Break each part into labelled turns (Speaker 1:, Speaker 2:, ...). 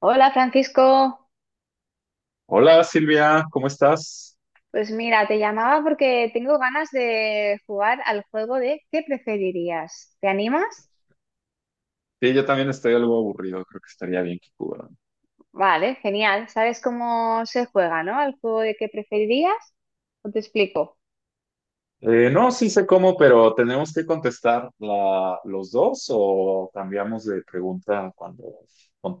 Speaker 1: Hola Francisco,
Speaker 2: Hola Silvia, ¿cómo estás?
Speaker 1: pues mira, te llamaba porque tengo ganas de jugar al juego de ¿qué preferirías? ¿Te animas?
Speaker 2: Sí, yo también estoy algo aburrido, creo que estaría bien que jugaran.
Speaker 1: Vale, genial. ¿Sabes cómo se juega, no? Al juego de ¿qué preferirías? ¿O te explico?
Speaker 2: No, sí sé cómo, pero ¿tenemos que contestar los dos o cambiamos de pregunta cuando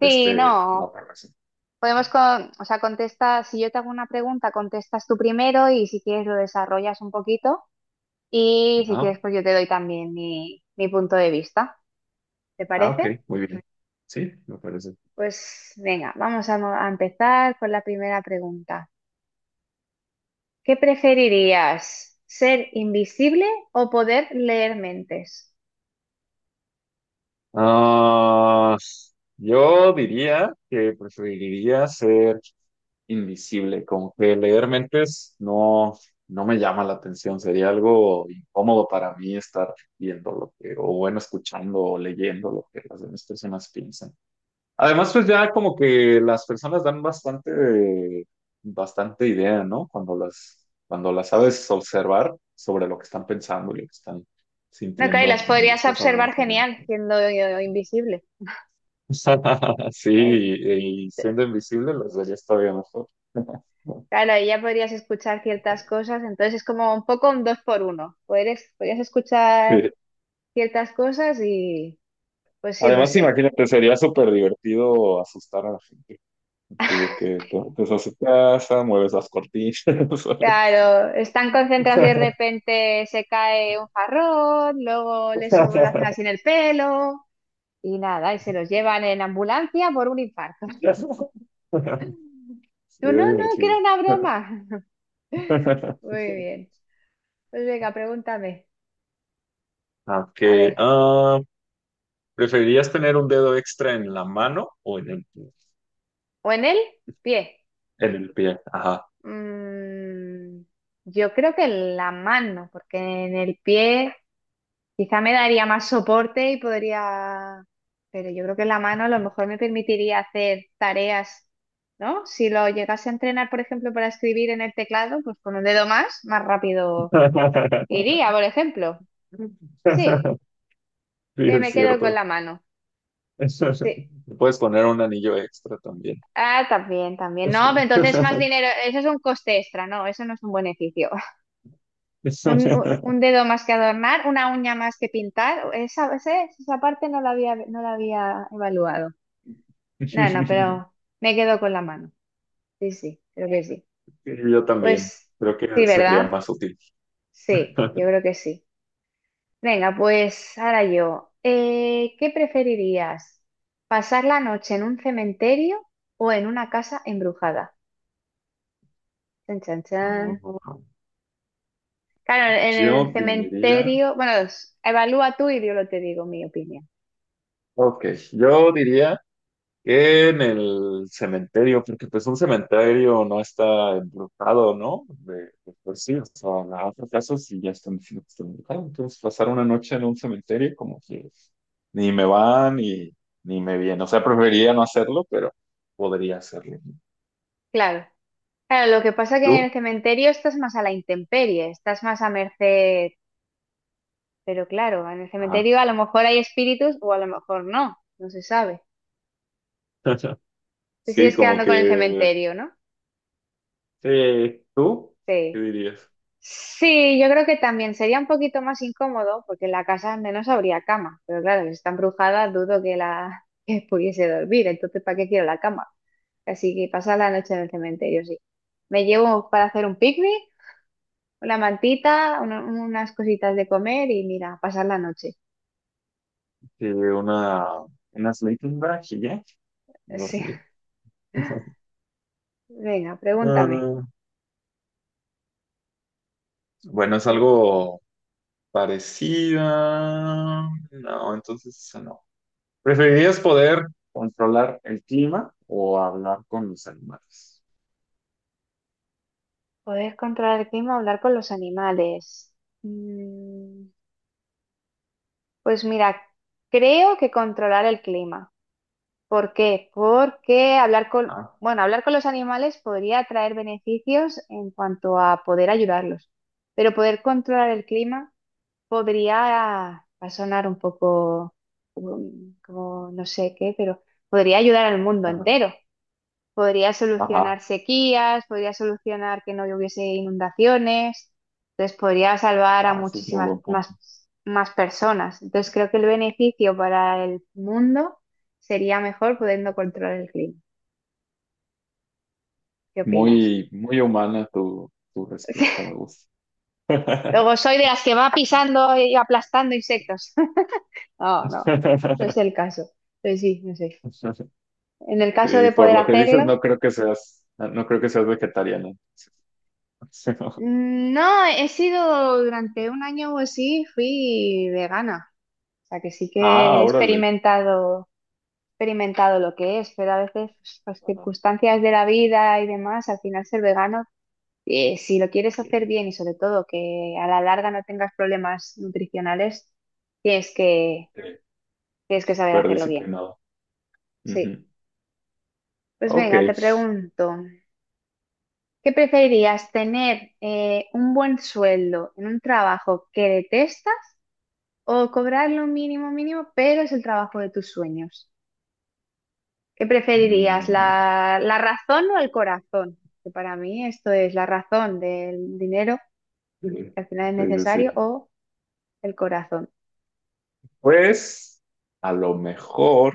Speaker 1: Sí,
Speaker 2: la
Speaker 1: no.
Speaker 2: otra persona?
Speaker 1: Podemos, con, o sea, contesta, si yo te hago una pregunta, contestas tú primero y si quieres lo desarrollas un poquito y si quieres
Speaker 2: Ajá.
Speaker 1: pues yo te doy también mi punto de vista. ¿Te
Speaker 2: Ah, ok,
Speaker 1: parece?
Speaker 2: muy bien. Sí, me parece.
Speaker 1: Pues venga, vamos a empezar con la primera pregunta. ¿Qué preferirías? ¿Ser invisible o poder leer mentes?
Speaker 2: Ah, yo diría que preferiría ser invisible, como que leer mentes no, no me llama la atención, sería algo incómodo para mí estar viendo lo que, o bueno, escuchando o leyendo lo que las demás personas piensan. Además, pues ya como que las personas dan bastante idea, ¿no? Cuando cuando las sabes observar sobre lo que están pensando y lo que están
Speaker 1: No, claro, y
Speaker 2: sintiendo
Speaker 1: las
Speaker 2: y
Speaker 1: podrías
Speaker 2: estás hablando
Speaker 1: observar
Speaker 2: con ellas.
Speaker 1: genial siendo invisible.
Speaker 2: Sí,
Speaker 1: Eh,
Speaker 2: y siendo invisible los verías todavía mejor.
Speaker 1: claro, ahí ya podrías escuchar ciertas cosas, entonces es como un poco un dos por uno. Podrías escuchar
Speaker 2: Sí.
Speaker 1: ciertas cosas y pues sí, pues
Speaker 2: Además,
Speaker 1: sí.
Speaker 2: imagínate, sería súper divertido asustar a la gente. Así de que te metes a su casa, mueves las cortinas. ¿Sabes?
Speaker 1: Claro, están concentrados y de repente se cae un jarrón, luego les hacen así en el pelo y nada, y se los llevan en ambulancia por un infarto. Yo,
Speaker 2: Sería
Speaker 1: no, no, que era
Speaker 2: divertido.
Speaker 1: una broma. Muy bien. Pues venga, pregúntame. A
Speaker 2: Okay.
Speaker 1: ver.
Speaker 2: ¿Preferirías tener un dedo extra en la mano o en el pie?
Speaker 1: ¿O en el pie?
Speaker 2: En el pie, ajá.
Speaker 1: Mm, yo creo que en la mano, porque en el pie quizá me daría más soporte y podría... Pero yo creo que en la mano a lo mejor me permitiría hacer tareas, ¿no? Si lo llegase a entrenar, por ejemplo, para escribir en el teclado, pues con un dedo más, más rápido iría, por ejemplo. Sí,
Speaker 2: Sí, es
Speaker 1: me quedo con
Speaker 2: cierto.
Speaker 1: la mano. Sí.
Speaker 2: Le Puedes poner un anillo extra también.
Speaker 1: Ah, también, también. No, pero entonces más dinero, eso es un coste extra, no, eso no es un beneficio. Un dedo más que adornar, una uña más que pintar, esa parte no la había evaluado. No, no,
Speaker 2: Y
Speaker 1: pero me quedo con la mano. Sí, sí, creo que sí.
Speaker 2: yo también.
Speaker 1: Pues
Speaker 2: Creo
Speaker 1: sí,
Speaker 2: que sería
Speaker 1: ¿verdad?
Speaker 2: más útil.
Speaker 1: Sí, yo creo que sí. Venga, pues ahora yo. ¿Qué preferirías? ¿Pasar la noche en un cementerio o en una casa embrujada? Chan, chan, chan. Claro, en el
Speaker 2: Yo diría.
Speaker 1: cementerio, bueno, evalúa tú y yo lo te digo mi opinión.
Speaker 2: Ok, yo diría en el cementerio, porque pues un cementerio no está embrujado, ¿no? De por sí, o sea, hace casos sí ya están diciendo que está embrujado. Entonces, pasar una noche en un cementerio como que ni me va ni, ni me viene. O sea, preferiría no hacerlo, pero podría hacerlo.
Speaker 1: Claro, claro, lo que pasa es que en
Speaker 2: ¿Tú?
Speaker 1: el cementerio estás más a la intemperie, estás más a merced, pero claro, en el
Speaker 2: Ajá.
Speaker 1: cementerio a lo mejor hay espíritus o a lo mejor no, no se sabe. Te
Speaker 2: Sí,
Speaker 1: sigues
Speaker 2: como
Speaker 1: quedando con el
Speaker 2: que...
Speaker 1: cementerio, ¿no?
Speaker 2: Sí, ¿tú? ¿Qué
Speaker 1: Sí.
Speaker 2: dirías?
Speaker 1: Sí, yo creo que también sería un poquito más incómodo porque en la casa al menos habría cama, pero claro, si está embrujada dudo que la que pudiese dormir, entonces ¿para qué quiero la cama? Así que pasar la noche en el cementerio, sí. Me llevo para hacer un picnic, una mantita, unas cositas de comer y mira, pasar la noche.
Speaker 2: Que una... Una sleeping bag y ya,
Speaker 1: Sí,
Speaker 2: dormir.
Speaker 1: venga, pregúntame.
Speaker 2: Ah, bueno, es algo Parecida. No, entonces esa no. ¿Preferirías poder controlar el clima o hablar con los animales?
Speaker 1: ¿Poder controlar el clima o hablar con los animales? Mm, Pues mira, creo que controlar el clima. ¿Por qué? Porque hablar con,
Speaker 2: Ah,
Speaker 1: bueno, hablar con los animales podría traer beneficios en cuanto a poder ayudarlos, pero poder controlar el clima podría, va a sonar un poco como no sé qué, pero podría ayudar al mundo
Speaker 2: ajá,
Speaker 1: entero. Podría
Speaker 2: ajá,
Speaker 1: solucionar sequías, podría solucionar que no hubiese inundaciones, entonces podría salvar a
Speaker 2: ajá, ese es muy
Speaker 1: muchísimas
Speaker 2: buen
Speaker 1: más,
Speaker 2: punto.
Speaker 1: más personas. Entonces creo que el beneficio para el mundo sería mejor pudiendo controlar el clima. ¿Qué opinas?
Speaker 2: Muy humana tu respuesta, me gusta.
Speaker 1: Luego soy de las que va pisando y aplastando insectos. No, no, no es el caso. Pues sí, no sé, en el caso
Speaker 2: Sí,
Speaker 1: de
Speaker 2: por
Speaker 1: poder
Speaker 2: lo que dices, no
Speaker 1: hacerlo.
Speaker 2: creo que seas, no creo que seas vegetariana.
Speaker 1: No, he sido durante un año o así, fui vegana. O sea que sí que he
Speaker 2: Ah, órale.
Speaker 1: experimentado, experimentado lo que es, pero a veces pues, las
Speaker 2: Ajá.
Speaker 1: circunstancias de la vida y demás, al final ser vegano, si lo quieres
Speaker 2: Sí,
Speaker 1: hacer bien y sobre todo que a la larga no tengas problemas nutricionales, tienes que,
Speaker 2: sí.
Speaker 1: tienes que saber
Speaker 2: Súper
Speaker 1: hacerlo bien.
Speaker 2: disciplinado.
Speaker 1: Sí.
Speaker 2: Ujú.
Speaker 1: Pues
Speaker 2: Ok.
Speaker 1: venga, te pregunto. ¿Qué preferirías, tener un buen sueldo en un trabajo que detestas o cobrar lo mínimo mínimo, pero es el trabajo de tus sueños? ¿Qué preferirías,
Speaker 2: Mm,
Speaker 1: la razón o el corazón? Que para mí esto es la razón del dinero,
Speaker 2: Sí,
Speaker 1: que al final es
Speaker 2: sí,
Speaker 1: necesario,
Speaker 2: sí.
Speaker 1: o el corazón.
Speaker 2: Pues a lo mejor,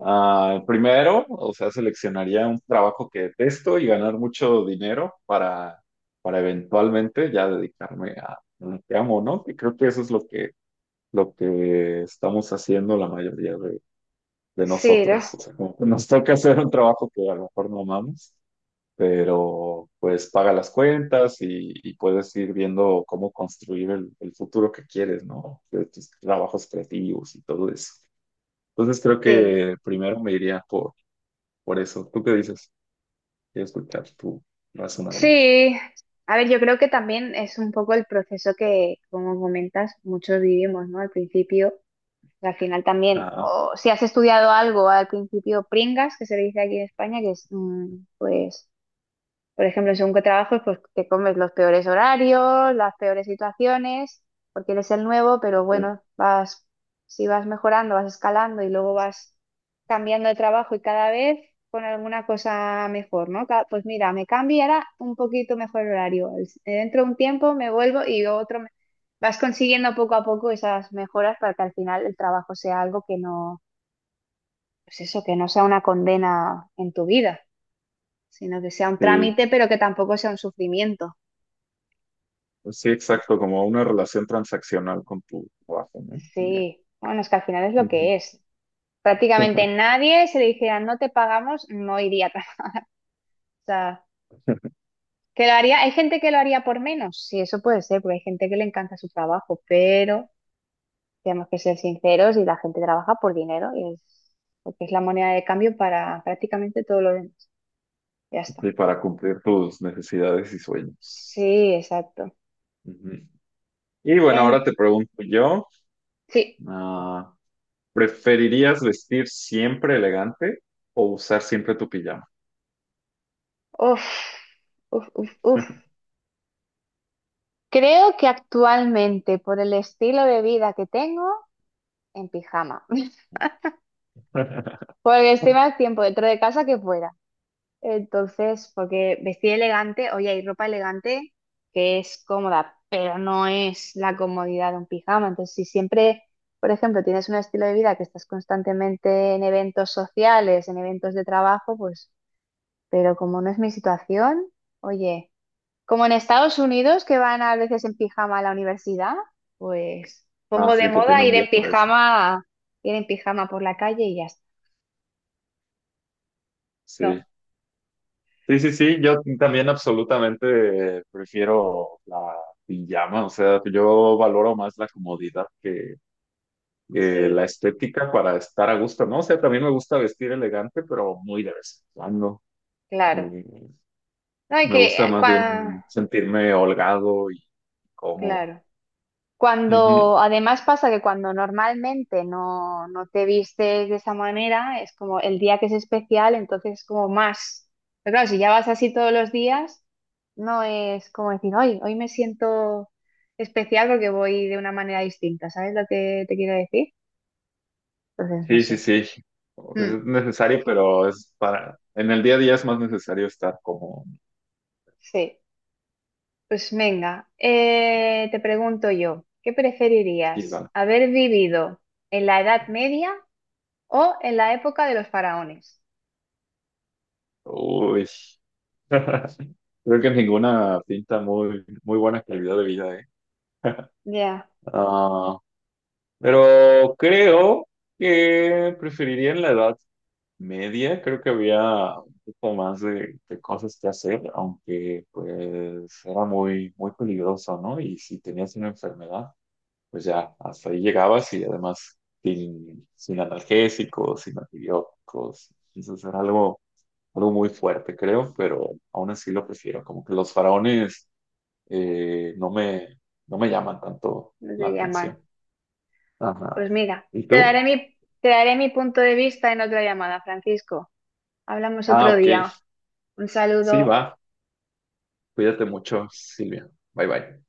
Speaker 2: primero, o sea, seleccionaría un trabajo que detesto y ganar mucho dinero para eventualmente ya dedicarme a lo que amo, ¿no? Y creo que eso es lo que estamos haciendo la mayoría de
Speaker 1: Sí,
Speaker 2: nosotros.
Speaker 1: ¿no?
Speaker 2: O sea, como que nos toca hacer un trabajo que a lo mejor no amamos, pero pues paga las cuentas y puedes ir viendo cómo construir el futuro que quieres, ¿no? De tus trabajos creativos y todo eso. Entonces creo
Speaker 1: Sí.
Speaker 2: que primero me iría por eso. ¿Tú qué dices? Quiero escuchar tu razonamiento.
Speaker 1: Sí. A ver, yo creo que también es un poco el proceso que, como comentas, muchos vivimos, ¿no? Al final también,
Speaker 2: Ah,
Speaker 1: o si has estudiado algo al principio pringas, que se le dice aquí en España, que es pues por ejemplo, según qué trabajo, pues te comes los peores horarios, las peores situaciones, porque eres el nuevo, pero
Speaker 2: sí,
Speaker 1: bueno, si vas mejorando, vas escalando y luego vas cambiando de trabajo y cada vez con alguna cosa mejor, ¿no? Pues mira, me cambio y ahora un poquito mejor el horario. Dentro de un tiempo me vuelvo y otro... Vas consiguiendo poco a poco esas mejoras para que al final el trabajo sea algo que no, pues eso, que no sea una condena en tu vida sino que sea un
Speaker 2: sí.
Speaker 1: trámite, pero que tampoco sea un sufrimiento.
Speaker 2: Pues sí,
Speaker 1: Por-
Speaker 2: exacto, como una relación transaccional con tu trabajo, ¿no? Y ya.
Speaker 1: Sí, bueno, es que al final es lo
Speaker 2: Ujú.
Speaker 1: que es. Prácticamente nadie, se le dijera no te pagamos, no iría a trabajar. O sea, que lo haría, hay gente que lo haría por menos, sí, eso puede ser, porque hay gente que le encanta su trabajo, pero tenemos que ser sinceros y la gente trabaja por dinero porque es la moneda de cambio para prácticamente todo lo demás. Ya está.
Speaker 2: Y para cumplir tus necesidades y sueños.
Speaker 1: Sí, exacto.
Speaker 2: Ujú. Y bueno, ahora
Speaker 1: En-
Speaker 2: te pregunto yo,
Speaker 1: sí,
Speaker 2: ah, ¿preferirías vestir siempre elegante o usar siempre tu pijama?
Speaker 1: uff, uff, uff, uff. Creo que actualmente, por el estilo de vida que tengo, en pijama. Porque estoy más tiempo dentro de casa que fuera. Entonces, porque vestir elegante, oye, hay ropa elegante que es cómoda, pero no es la comodidad de un pijama. Entonces, si siempre, por ejemplo, tienes un estilo de vida que estás constantemente en eventos sociales, en eventos de trabajo, pues, pero como no es mi situación, oye. Como en Estados Unidos, que van a veces en pijama a la universidad, pues
Speaker 2: Ah,
Speaker 1: pongo de
Speaker 2: sí, que
Speaker 1: moda
Speaker 2: tiene un día para eso.
Speaker 1: ir en pijama por la calle y ya está.
Speaker 2: Sí.
Speaker 1: No,
Speaker 2: Sí, sí, sí, yo también absolutamente prefiero la pijama, o sea, yo valoro más la comodidad que la
Speaker 1: sí,
Speaker 2: estética para estar a gusto, ¿no? O sea, también me gusta vestir elegante, pero muy de vez en cuando.
Speaker 1: claro.
Speaker 2: Y
Speaker 1: No hay
Speaker 2: me gusta
Speaker 1: que,
Speaker 2: más bien
Speaker 1: cua-
Speaker 2: sentirme holgado y cómodo.
Speaker 1: claro.
Speaker 2: Ujú.
Speaker 1: Cuando, además pasa que cuando normalmente no, no te vistes de esa manera, es como el día que es especial, entonces es como más. Pero claro, si ya vas así todos los días, no es como decir, hoy, hoy me siento especial porque voy de una manera distinta, ¿sabes lo que te quiero decir? Entonces, no
Speaker 2: Sí, sí,
Speaker 1: sé.
Speaker 2: sí. Es
Speaker 1: Mm,
Speaker 2: necesario, pero es para... En el día a día es más necesario estar como...
Speaker 1: sí, pues venga, te pregunto yo, ¿qué preferirías?
Speaker 2: Silva.
Speaker 1: ¿Haber vivido en la Edad Media o en la época de los faraones?
Speaker 2: Uy. Creo que ninguna pinta muy buena calidad de vida, ¿eh?
Speaker 1: Ya.
Speaker 2: Ah, pero creo que preferiría en la edad media, creo que había un poco más de cosas que hacer, aunque pues era muy peligroso, ¿no? Y si tenías una enfermedad, pues ya hasta ahí llegabas y además sin analgésicos, sin antibióticos. Entonces era algo muy fuerte, creo, pero aún así lo prefiero. Como que los faraones no no me llaman tanto
Speaker 1: No
Speaker 2: la
Speaker 1: te llaman.
Speaker 2: atención. Ajá.
Speaker 1: Pues mira,
Speaker 2: ¿Y tú?
Speaker 1: te daré mi punto de vista en otra llamada, Francisco. Hablamos
Speaker 2: Ah,
Speaker 1: otro
Speaker 2: ok.
Speaker 1: día. Un
Speaker 2: Sí, va.
Speaker 1: saludo.
Speaker 2: Cuídate mucho, Silvia. Bye bye.